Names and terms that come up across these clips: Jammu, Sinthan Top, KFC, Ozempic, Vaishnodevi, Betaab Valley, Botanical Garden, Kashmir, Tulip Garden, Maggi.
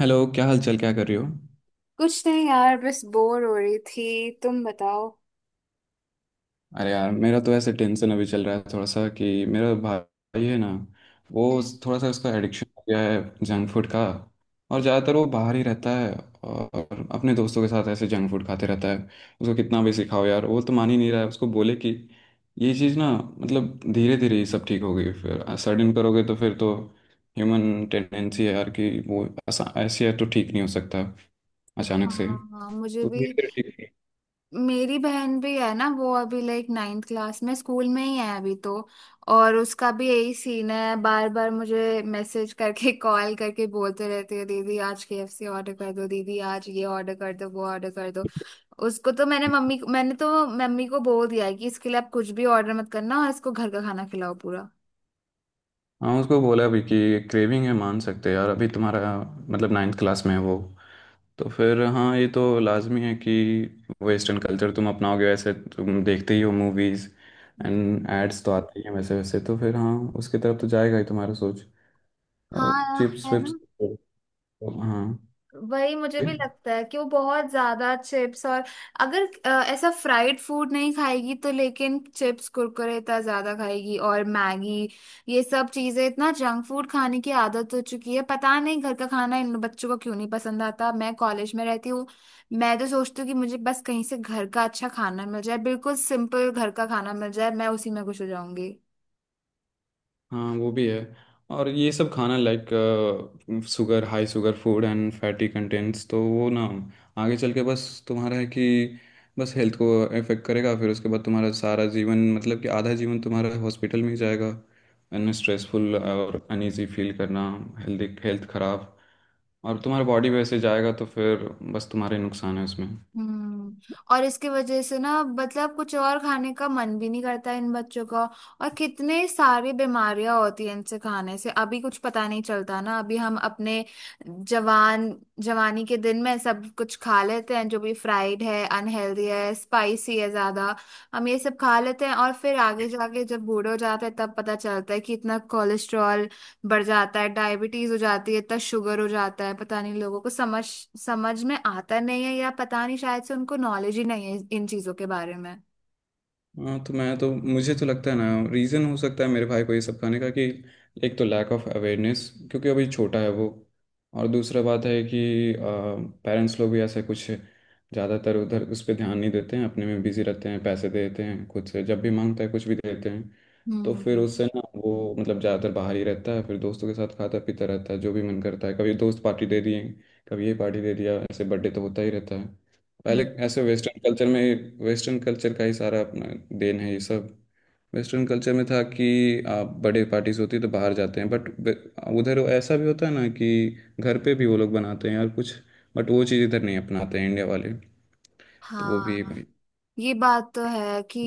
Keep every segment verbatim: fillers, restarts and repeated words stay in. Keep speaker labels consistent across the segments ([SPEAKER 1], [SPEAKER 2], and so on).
[SPEAKER 1] Hello, क्या हाल चाल? क्या कर रही हो?
[SPEAKER 2] कुछ नहीं यार, बस बोर हो रही थी। तुम बताओ।
[SPEAKER 1] अरे यार, मेरा तो ऐसे टेंशन अभी चल रहा है थोड़ा सा कि मेरा भाई है ना, वो
[SPEAKER 2] हम्म।
[SPEAKER 1] थोड़ा सा उसका एडिक्शन हो गया है जंक फूड का। और ज़्यादातर वो बाहर ही रहता है, और अपने दोस्तों के साथ ऐसे जंक फूड खाते रहता है। उसको कितना भी सिखाओ यार, वो तो मान ही नहीं रहा है। उसको बोले कि ये चीज़ ना, मतलब धीरे धीरे ही सब ठीक होगी, फिर सडन करोगे तो फिर तो ह्यूमन टेंडेंसी है यार कि वो ऐसा ऐसे है तो ठीक नहीं हो सकता अचानक से।
[SPEAKER 2] हाँ मुझे
[SPEAKER 1] तो
[SPEAKER 2] भी।
[SPEAKER 1] धीरे धीरे।
[SPEAKER 2] मेरी बहन भी है ना, वो अभी लाइक नाइन्थ क्लास में स्कूल में ही है अभी तो। और उसका भी यही सीन है, बार बार मुझे मैसेज करके कॉल करके बोलते रहती है दीदी आज के एफ सी ऑर्डर कर दो, दीदी आज ये ऑर्डर कर दो, वो ऑर्डर कर दो।
[SPEAKER 1] ठीक।
[SPEAKER 2] उसको तो मैंने मम्मी मैंने तो मम्मी को बोल दिया है कि इसके लिए आप कुछ भी ऑर्डर मत करना और इसको घर का खाना खिलाओ पूरा।
[SPEAKER 1] हाँ उसको बोला भी कि क्रेविंग है मान सकते हैं यार, अभी तुम्हारा मतलब नाइन्थ क्लास में है वो, तो फिर हाँ ये तो लाजमी है कि वेस्टर्न कल्चर तुम अपनाओगे। वैसे तुम देखते ही हो मूवीज
[SPEAKER 2] हम्म।
[SPEAKER 1] एंड एड्स तो आते ही हैं, वैसे वैसे तो फिर हाँ उसकी तरफ तो जाएगा ही तुम्हारा सोच। और
[SPEAKER 2] हाँ,
[SPEAKER 1] चिप्स
[SPEAKER 2] है ना।
[SPEAKER 1] विप्स। हाँ।
[SPEAKER 2] वही मुझे भी लगता है कि वो बहुत ज्यादा चिप्स और अगर अ, ऐसा फ्राइड फूड नहीं खाएगी तो, लेकिन चिप्स कुरकुरे इतना ज्यादा खाएगी और मैगी, ये सब चीजें, इतना जंक फूड खाने की आदत हो चुकी है। पता नहीं घर का खाना इन बच्चों को क्यों नहीं पसंद आता। मैं कॉलेज में रहती हूँ, मैं तो सोचती हूँ कि मुझे बस कहीं से घर का अच्छा खाना मिल जाए, बिल्कुल सिंपल घर का खाना मिल जाए, मैं उसी में खुश हो जाऊंगी।
[SPEAKER 1] हाँ वो भी है। और ये सब खाना like sugar, high sugar food and fatty contents, तो वो ना आगे चल के बस तुम्हारा है कि बस हेल्थ को इफेक्ट करेगा। फिर उसके बाद तुम्हारा सारा जीवन, मतलब कि आधा जीवन तुम्हारा हॉस्पिटल में ही जाएगा। एंड स्ट्रेसफुल और अनईजी फील करना, हेल्दी हेल्थ खराब, और तुम्हारा बॉडी वैसे जाएगा, तो फिर बस तुम्हारे नुकसान है उसमें।
[SPEAKER 2] हम्म। और इसकी वजह से ना, मतलब कुछ और खाने का मन भी नहीं करता इन बच्चों का। और कितने सारी बीमारियां होती हैं इनसे खाने से। अभी कुछ पता नहीं चलता ना, अभी हम अपने जवान, जवानी के दिन में सब कुछ खा लेते हैं जो भी फ्राइड है, अनहेल्दी है, स्पाइसी है ज्यादा, हम ये सब खा लेते हैं। और फिर आगे जाके जब बूढ़े हो जाते हैं तब पता चलता है कि इतना कोलेस्ट्रॉल बढ़ जाता है, डायबिटीज हो जाती है, इतना शुगर हो जाता है। पता नहीं लोगों को समझ समझ में आता नहीं है, या पता नहीं शायद से उनको नॉलेज ही नहीं है इन चीजों के बारे में।
[SPEAKER 1] हाँ तो मैं तो मुझे तो लगता है ना, रीज़न हो सकता है मेरे भाई को ये सब खाने का कि एक तो लैक ऑफ अवेयरनेस, क्योंकि अभी छोटा है वो। और दूसरा बात है कि पेरेंट्स लोग भी ऐसे कुछ ज़्यादातर उधर उस पर ध्यान नहीं देते हैं, अपने में बिजी रहते हैं, पैसे दे देते हैं, खुद से जब भी मांगता है कुछ भी दे देते हैं। तो फिर
[SPEAKER 2] हम्म।
[SPEAKER 1] उससे ना वो मतलब ज़्यादातर बाहर ही रहता है, फिर दोस्तों के साथ खाता पीता रहता है जो भी मन करता है। कभी दोस्त पार्टी दे दिए, कभी ये पार्टी दे दिया, ऐसे बर्थडे तो होता ही रहता है। पहले
[SPEAKER 2] हम्म।
[SPEAKER 1] ऐसे वेस्टर्न कल्चर में, वेस्टर्न कल्चर का ही सारा अपना देन है ये सब। वेस्टर्न कल्चर में था कि आप बर्थडे पार्टीज होती है तो बाहर जाते हैं, बट उधर ऐसा भी होता है ना कि घर पे भी वो लोग बनाते हैं और कुछ। बट वो चीज़ इधर नहीं अपनाते हैं इंडिया वाले। तो वो भी
[SPEAKER 2] हाँ,
[SPEAKER 1] भाई।
[SPEAKER 2] ये बात तो है कि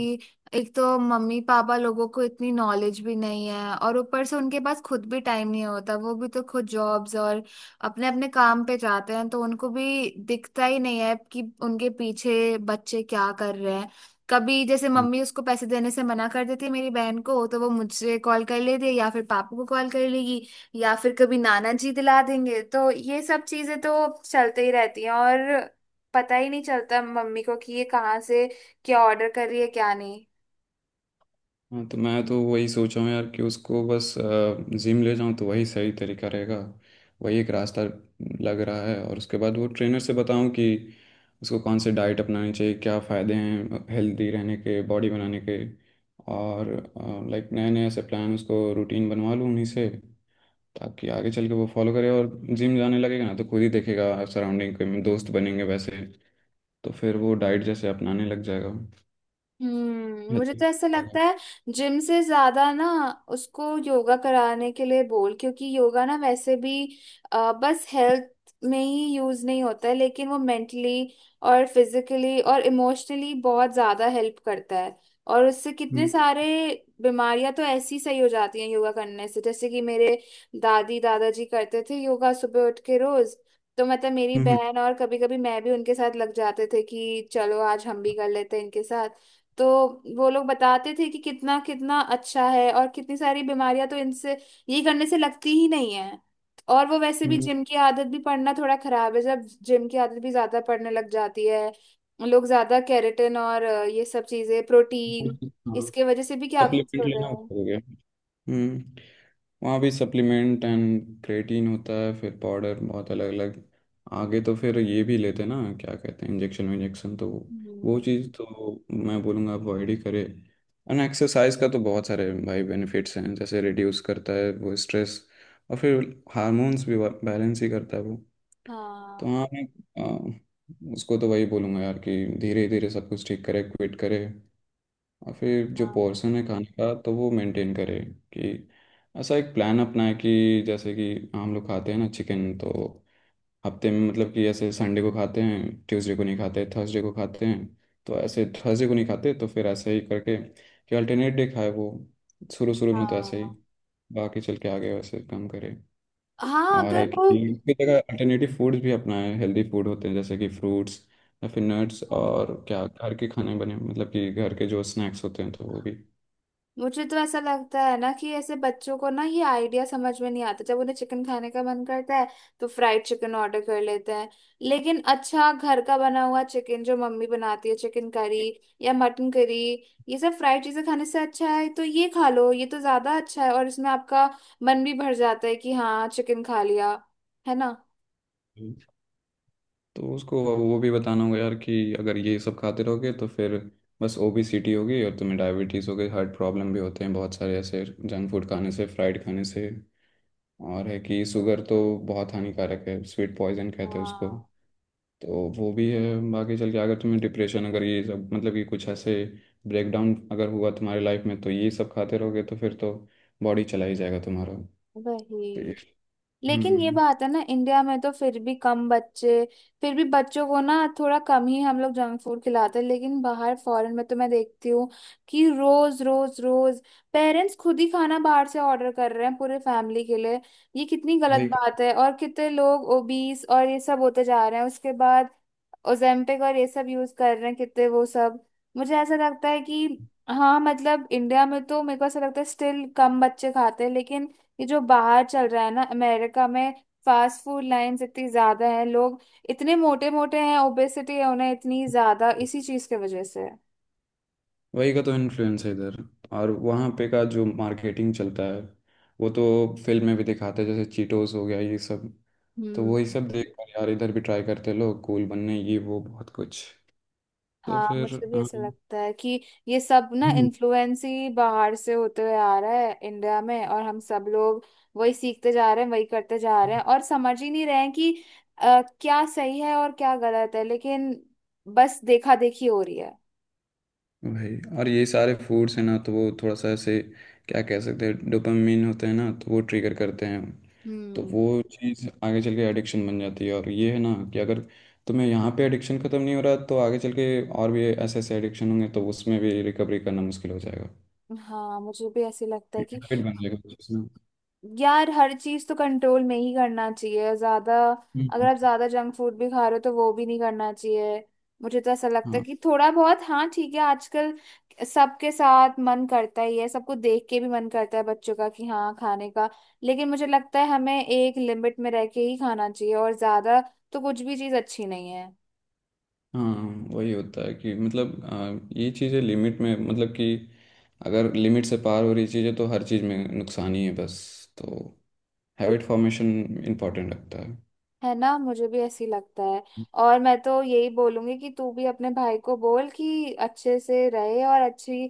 [SPEAKER 2] एक तो मम्मी पापा लोगों को इतनी नॉलेज भी नहीं है और ऊपर से उनके पास खुद भी टाइम नहीं होता। वो भी तो खुद जॉब्स और अपने अपने काम पे जाते हैं, तो उनको भी दिखता ही नहीं है कि उनके पीछे बच्चे क्या कर रहे हैं। कभी जैसे मम्मी उसको पैसे देने से मना कर देती है मेरी बहन को, तो वो मुझसे कॉल कर लेती है या फिर पापा को कॉल कर लेगी, या फिर कभी नाना जी दिला देंगे। तो ये सब चीजें तो चलते ही रहती हैं, और पता ही नहीं चलता मम्मी को कि ये कहाँ से क्या ऑर्डर कर रही है, क्या नहीं।
[SPEAKER 1] हाँ तो मैं तो वही सोचा हूँ यार कि उसको बस अ, जिम ले जाऊँ तो वही सही तरीका रहेगा। वही एक रास्ता लग रहा है। और उसके बाद वो ट्रेनर से बताऊँ कि उसको कौन से डाइट अपनानी चाहिए, क्या फ़ायदे हैं हेल्दी रहने के, बॉडी बनाने के। और लाइक नए नए ऐसे प्लान, उसको रूटीन बनवा लूँ उन्हीं से, ताकि आगे चल के वो फॉलो करे। और जिम जाने लगेगा ना तो खुद ही देखेगा सराउंडिंग के, दोस्त बनेंगे वैसे, तो फिर वो डाइट जैसे अपनाने लग जाएगा
[SPEAKER 2] हम्म, मुझे
[SPEAKER 1] हेल्दी।
[SPEAKER 2] तो ऐसा लगता है जिम से ज्यादा ना, उसको योगा कराने के लिए बोल, क्योंकि योगा ना वैसे भी अ, बस हेल्थ में ही यूज नहीं होता है, लेकिन वो मेंटली और फिजिकली और इमोशनली बहुत ज्यादा हेल्प करता है। और उससे कितने
[SPEAKER 1] हम्म।
[SPEAKER 2] सारे बीमारियां तो ऐसी सही हो जाती हैं योगा करने से। जैसे कि मेरे दादी दादाजी करते थे योगा सुबह उठ के रोज, तो मतलब मेरी
[SPEAKER 1] हम्म।
[SPEAKER 2] बहन और कभी कभी मैं भी उनके साथ लग जाते थे कि चलो आज हम भी कर लेते हैं इनके साथ। तो वो लोग बताते थे कि कितना कितना अच्छा है और कितनी सारी बीमारियां तो इनसे, ये करने से लगती ही नहीं है। और वो वैसे भी
[SPEAKER 1] हम्म।
[SPEAKER 2] जिम की आदत भी पड़ना थोड़ा खराब है, जब जिम की आदत भी ज्यादा पड़ने लग जाती है लोग ज्यादा केराटिन और अ, ये सब चीजें प्रोटीन,
[SPEAKER 1] सप्लीमेंट
[SPEAKER 2] इसके वजह से भी क्या कुछ हो रहे
[SPEAKER 1] लेना
[SPEAKER 2] हैं।
[SPEAKER 1] होता है क्या? हम्म। वहाँ भी सप्लीमेंट एंड क्रेटीन होता है, फिर पाउडर बहुत अलग अलग। आगे तो फिर ये भी लेते ना, क्या कहते हैं, इंजेक्शन। इंजेक्शन तो वो
[SPEAKER 2] हम्म।
[SPEAKER 1] चीज़ तो मैं बोलूँगा अवॉइड ही करे। एंड एक्सरसाइज का तो बहुत सारे भाई बेनिफिट्स हैं, जैसे रिड्यूस करता है वो स्ट्रेस, और फिर हार्मोन्स भी बैलेंस ही करता है वो। तो
[SPEAKER 2] हाँ।
[SPEAKER 1] हाँ मैं अ, उसको तो वही बोलूँगा यार कि धीरे धीरे सब कुछ ठीक करे, क्विट करे। और फिर जो
[SPEAKER 2] हाँ।
[SPEAKER 1] पोर्शन है खाने का, तो वो मेंटेन करे कि ऐसा एक प्लान अपनाए, कि जैसे कि हम लोग खाते हैं ना चिकन, तो हफ्ते में मतलब कि ऐसे संडे को खाते हैं, ट्यूसडे को नहीं खाते, थर्सडे को खाते हैं। तो ऐसे थर्सडे को नहीं खाते, तो फिर ऐसे ही करके कि अल्टरनेट डे खाए वो। शुरू शुरू में तो ऐसे ही,
[SPEAKER 2] हाँ।
[SPEAKER 1] बाकी चल के आगे वैसे काम करे।
[SPEAKER 2] हाँ
[SPEAKER 1] और है
[SPEAKER 2] अगर
[SPEAKER 1] कि की जगह अल्टरनेटिव फूड्स भी अपनाए, हेल्दी फूड होते हैं जैसे कि फ्रूट्स या फिर नट्स।
[SPEAKER 2] वो,
[SPEAKER 1] और क्या घर के खाने बने, मतलब कि घर के जो स्नैक्स होते हैं, तो वो भी।
[SPEAKER 2] मुझे तो ऐसा लगता है ना कि ऐसे बच्चों को ना ये आइडिया समझ में नहीं आता। जब उन्हें चिकन खाने का मन करता है तो फ्राइड चिकन ऑर्डर कर लेते हैं, लेकिन अच्छा घर का बना हुआ चिकन जो मम्मी बनाती है, चिकन करी या मटन करी, ये सब फ्राइड चीजें खाने से अच्छा है तो ये खा लो, ये तो ज्यादा अच्छा है और इसमें आपका मन भी भर जाता है कि हाँ चिकन खा लिया, है ना।
[SPEAKER 1] तो उसको वो वो भी बताना होगा यार कि अगर ये सब खाते रहोगे तो फिर बस ओबेसिटी होगी, और तुम्हें डायबिटीज़ हो गई, हार्ट प्रॉब्लम भी होते हैं बहुत सारे ऐसे जंक फूड खाने से, फ्राइड खाने से। और है कि शुगर तो बहुत हानिकारक है, स्वीट पॉइजन कहते हैं उसको।
[SPEAKER 2] हाँ
[SPEAKER 1] तो वो भी है। बाकी चल के अगर तुम्हें डिप्रेशन, अगर ये सब मतलब कि कुछ ऐसे ब्रेकडाउन अगर हुआ तुम्हारी लाइफ में, तो ये सब खाते रहोगे तो फिर तो बॉडी चला ही जाएगा तुम्हारा। तो
[SPEAKER 2] वही।
[SPEAKER 1] ये-
[SPEAKER 2] लेकिन ये
[SPEAKER 1] हम्म।
[SPEAKER 2] बात है ना, इंडिया में तो फिर भी कम बच्चे, फिर भी बच्चों को ना थोड़ा कम ही हम लोग जंक फूड खिलाते हैं। लेकिन बाहर फॉरेन में तो मैं देखती हूँ कि रोज रोज रोज पेरेंट्स खुद ही खाना बाहर से ऑर्डर कर रहे हैं पूरे फैमिली के लिए। ये कितनी गलत
[SPEAKER 1] वही।
[SPEAKER 2] बात है, और कितने लोग ओबीस और ये सब होते जा रहे हैं, उसके बाद ओजेम्पिक और ये सब यूज कर रहे हैं कितने वो सब। मुझे ऐसा लगता है कि हाँ मतलब इंडिया में तो मेरे को ऐसा लगता है स्टिल कम बच्चे खाते हैं, लेकिन ये जो बाहर चल रहा है ना अमेरिका में, फास्ट फूड लाइन्स इतनी ज्यादा है, लोग इतने मोटे मोटे हैं, ओबेसिटी है उन्हें इतनी ज्यादा, इसी चीज के वजह से।
[SPEAKER 1] वही का तो इन्फ्लुएंस है इधर, और वहाँ पे का जो मार्केटिंग चलता है, वो तो फिल्म में भी दिखाते हैं, जैसे चीटोस हो गया ये सब। तो वही
[SPEAKER 2] हम्म।
[SPEAKER 1] सब देख कर यार इधर भी ट्राई करते हैं लोग कूल बनने, ये वो बहुत कुछ। तो
[SPEAKER 2] हाँ
[SPEAKER 1] फिर
[SPEAKER 2] मुझे भी
[SPEAKER 1] हाँ।
[SPEAKER 2] ऐसा लगता है कि ये सब ना
[SPEAKER 1] हम्म।
[SPEAKER 2] इन्फ्लुएंस ही बाहर से होते हुए आ रहा है इंडिया में, और हम सब लोग वही सीखते जा रहे हैं, वही करते जा रहे हैं, और समझ ही नहीं रहे हैं कि अ, क्या सही है और क्या गलत है, लेकिन बस देखा देखी हो रही है।
[SPEAKER 1] भाई और ये सारे फूड्स हैं ना, तो वो थोड़ा सा ऐसे क्या कह सकते हैं, डोपामिन होते हैं ना, तो वो ट्रिगर करते हैं। तो
[SPEAKER 2] हम्म।
[SPEAKER 1] वो चीज़ आगे चल के एडिक्शन बन जाती है, और ये है ना कि अगर तुम्हें यहाँ पे एडिक्शन ख़त्म नहीं हो रहा, तो आगे चल के और भी ऐसे ऐसे एडिक्शन होंगे, तो उसमें भी रिकवरी करना मुश्किल हो जाएगा।
[SPEAKER 2] हाँ मुझे भी ऐसे लगता है कि
[SPEAKER 1] हैबिट बन जाएगा उस चीज़ में।
[SPEAKER 2] यार हर चीज तो कंट्रोल में ही करना चाहिए। ज्यादा अगर
[SPEAKER 1] हम्म।
[SPEAKER 2] आप ज्यादा जंक फूड भी खा रहे हो तो वो भी नहीं करना चाहिए। मुझे तो ऐसा लगता है
[SPEAKER 1] हाँ।
[SPEAKER 2] कि थोड़ा बहुत हाँ ठीक है, आजकल सबके साथ मन करता ही है, सबको देख के भी मन करता है बच्चों का कि हाँ खाने का, लेकिन मुझे लगता है हमें एक लिमिट में रह के ही खाना चाहिए, और ज्यादा तो कुछ भी चीज अच्छी नहीं है।
[SPEAKER 1] हाँ वही होता है कि मतलब अ, ये चीज़ें लिमिट में, मतलब कि अगर लिमिट से पार हो रही चीज़ें, तो हर चीज़ में नुकसान ही है बस। तो हैबिट फॉर्मेशन इम्पोर्टेंट लगता है।
[SPEAKER 2] है ना, मुझे भी ऐसी लगता है। और मैं तो यही बोलूंगी कि तू भी अपने भाई को बोल कि अच्छे से रहे और अच्छी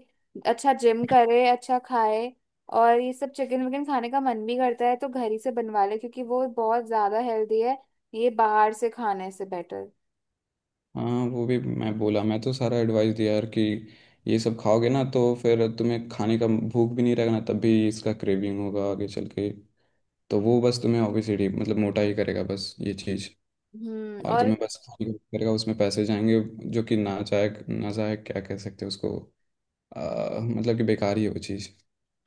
[SPEAKER 2] अच्छा जिम करे, अच्छा खाए, और ये सब चिकन विकन खाने का मन भी करता है तो घर ही से बनवा ले, क्योंकि वो बहुत ज्यादा हेल्दी है, ये बाहर से खाने से बेटर।
[SPEAKER 1] हाँ वो भी मैं बोला, मैं तो सारा एडवाइस दिया यार कि ये सब खाओगे ना तो फिर तुम्हें खाने का भूख भी नहीं रहेगा ना, तब भी इसका क्रेविंग होगा आगे चल के। तो वो बस तुम्हें ओबेसिटी, मतलब मोटा ही करेगा बस, ये चीज़।
[SPEAKER 2] हम्म।
[SPEAKER 1] और
[SPEAKER 2] और
[SPEAKER 1] तुम्हें बस खाने का भूख करेगा, उसमें पैसे जाएंगे जो कि ना चाहे, ना चाहे क्या कह सकते हैं उसको, आ, मतलब कि बेकार ही है वो चीज़।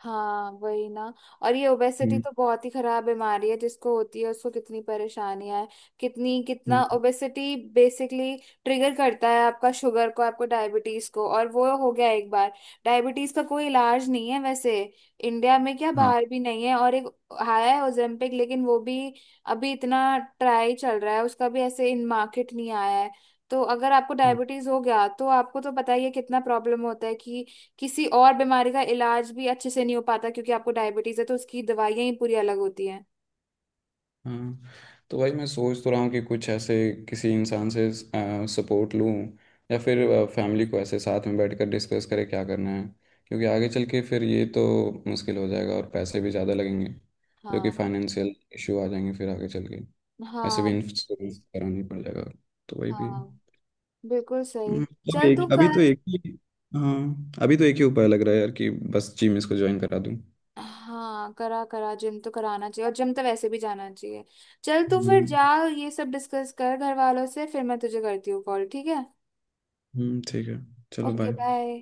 [SPEAKER 2] हाँ वही ना। और ये ओबेसिटी
[SPEAKER 1] हम्म।
[SPEAKER 2] तो बहुत ही खराब बीमारी है, जिसको होती है उसको कितनी परेशानियां है। कितनी, कितना
[SPEAKER 1] हम्म।
[SPEAKER 2] ओबेसिटी बेसिकली ट्रिगर करता है आपका शुगर को, आपको डायबिटीज को। और वो हो गया एक बार, डायबिटीज का कोई इलाज नहीं है वैसे, इंडिया में क्या
[SPEAKER 1] हाँ।
[SPEAKER 2] बाहर भी नहीं है। और एक आया है ओजेम्पिक, लेकिन वो भी अभी इतना ट्राई चल रहा है, उसका भी ऐसे इन मार्केट नहीं आया है। तो अगर आपको डायबिटीज हो गया तो आपको तो पता ही है कितना प्रॉब्लम होता है कि किसी और बीमारी का इलाज भी अच्छे से नहीं हो पाता, क्योंकि आपको डायबिटीज है तो उसकी दवाइयां ही पूरी अलग होती हैं।
[SPEAKER 1] हाँ तो भाई मैं सोच तो रहा हूँ कि कुछ ऐसे किसी इंसान से सपोर्ट लूँ, या फिर फैमिली को ऐसे साथ में बैठकर डिस्कस करें क्या करना है, क्योंकि आगे चल के फिर ये तो मुश्किल हो जाएगा, और पैसे भी ज़्यादा लगेंगे, जो कि
[SPEAKER 2] हाँ।
[SPEAKER 1] फाइनेंशियल इशू आ जाएंगे फिर आगे चल के। ऐसे भी
[SPEAKER 2] हाँ।
[SPEAKER 1] इंश्योरेंस करानी पड़ जाएगा। तो वही भी
[SPEAKER 2] हाँ,
[SPEAKER 1] है।
[SPEAKER 2] बिल्कुल
[SPEAKER 1] हम्म,
[SPEAKER 2] सही।
[SPEAKER 1] मतलब
[SPEAKER 2] चल तू
[SPEAKER 1] एक अभी तो
[SPEAKER 2] कल,
[SPEAKER 1] एक ही। हाँ अभी तो एक ही उपाय लग रहा है यार, कि बस जिम इसको ज्वाइन करा दूँ।
[SPEAKER 2] हाँ करा करा, जिम तो कराना चाहिए, और जिम तो वैसे भी जाना चाहिए। चल तू फिर
[SPEAKER 1] हम्म।
[SPEAKER 2] जा, ये सब डिस्कस कर घर वालों से, फिर मैं तुझे करती हूँ कॉल, ठीक है।
[SPEAKER 1] हम्म, ठीक है। चलो
[SPEAKER 2] ओके
[SPEAKER 1] बाय।
[SPEAKER 2] बाय।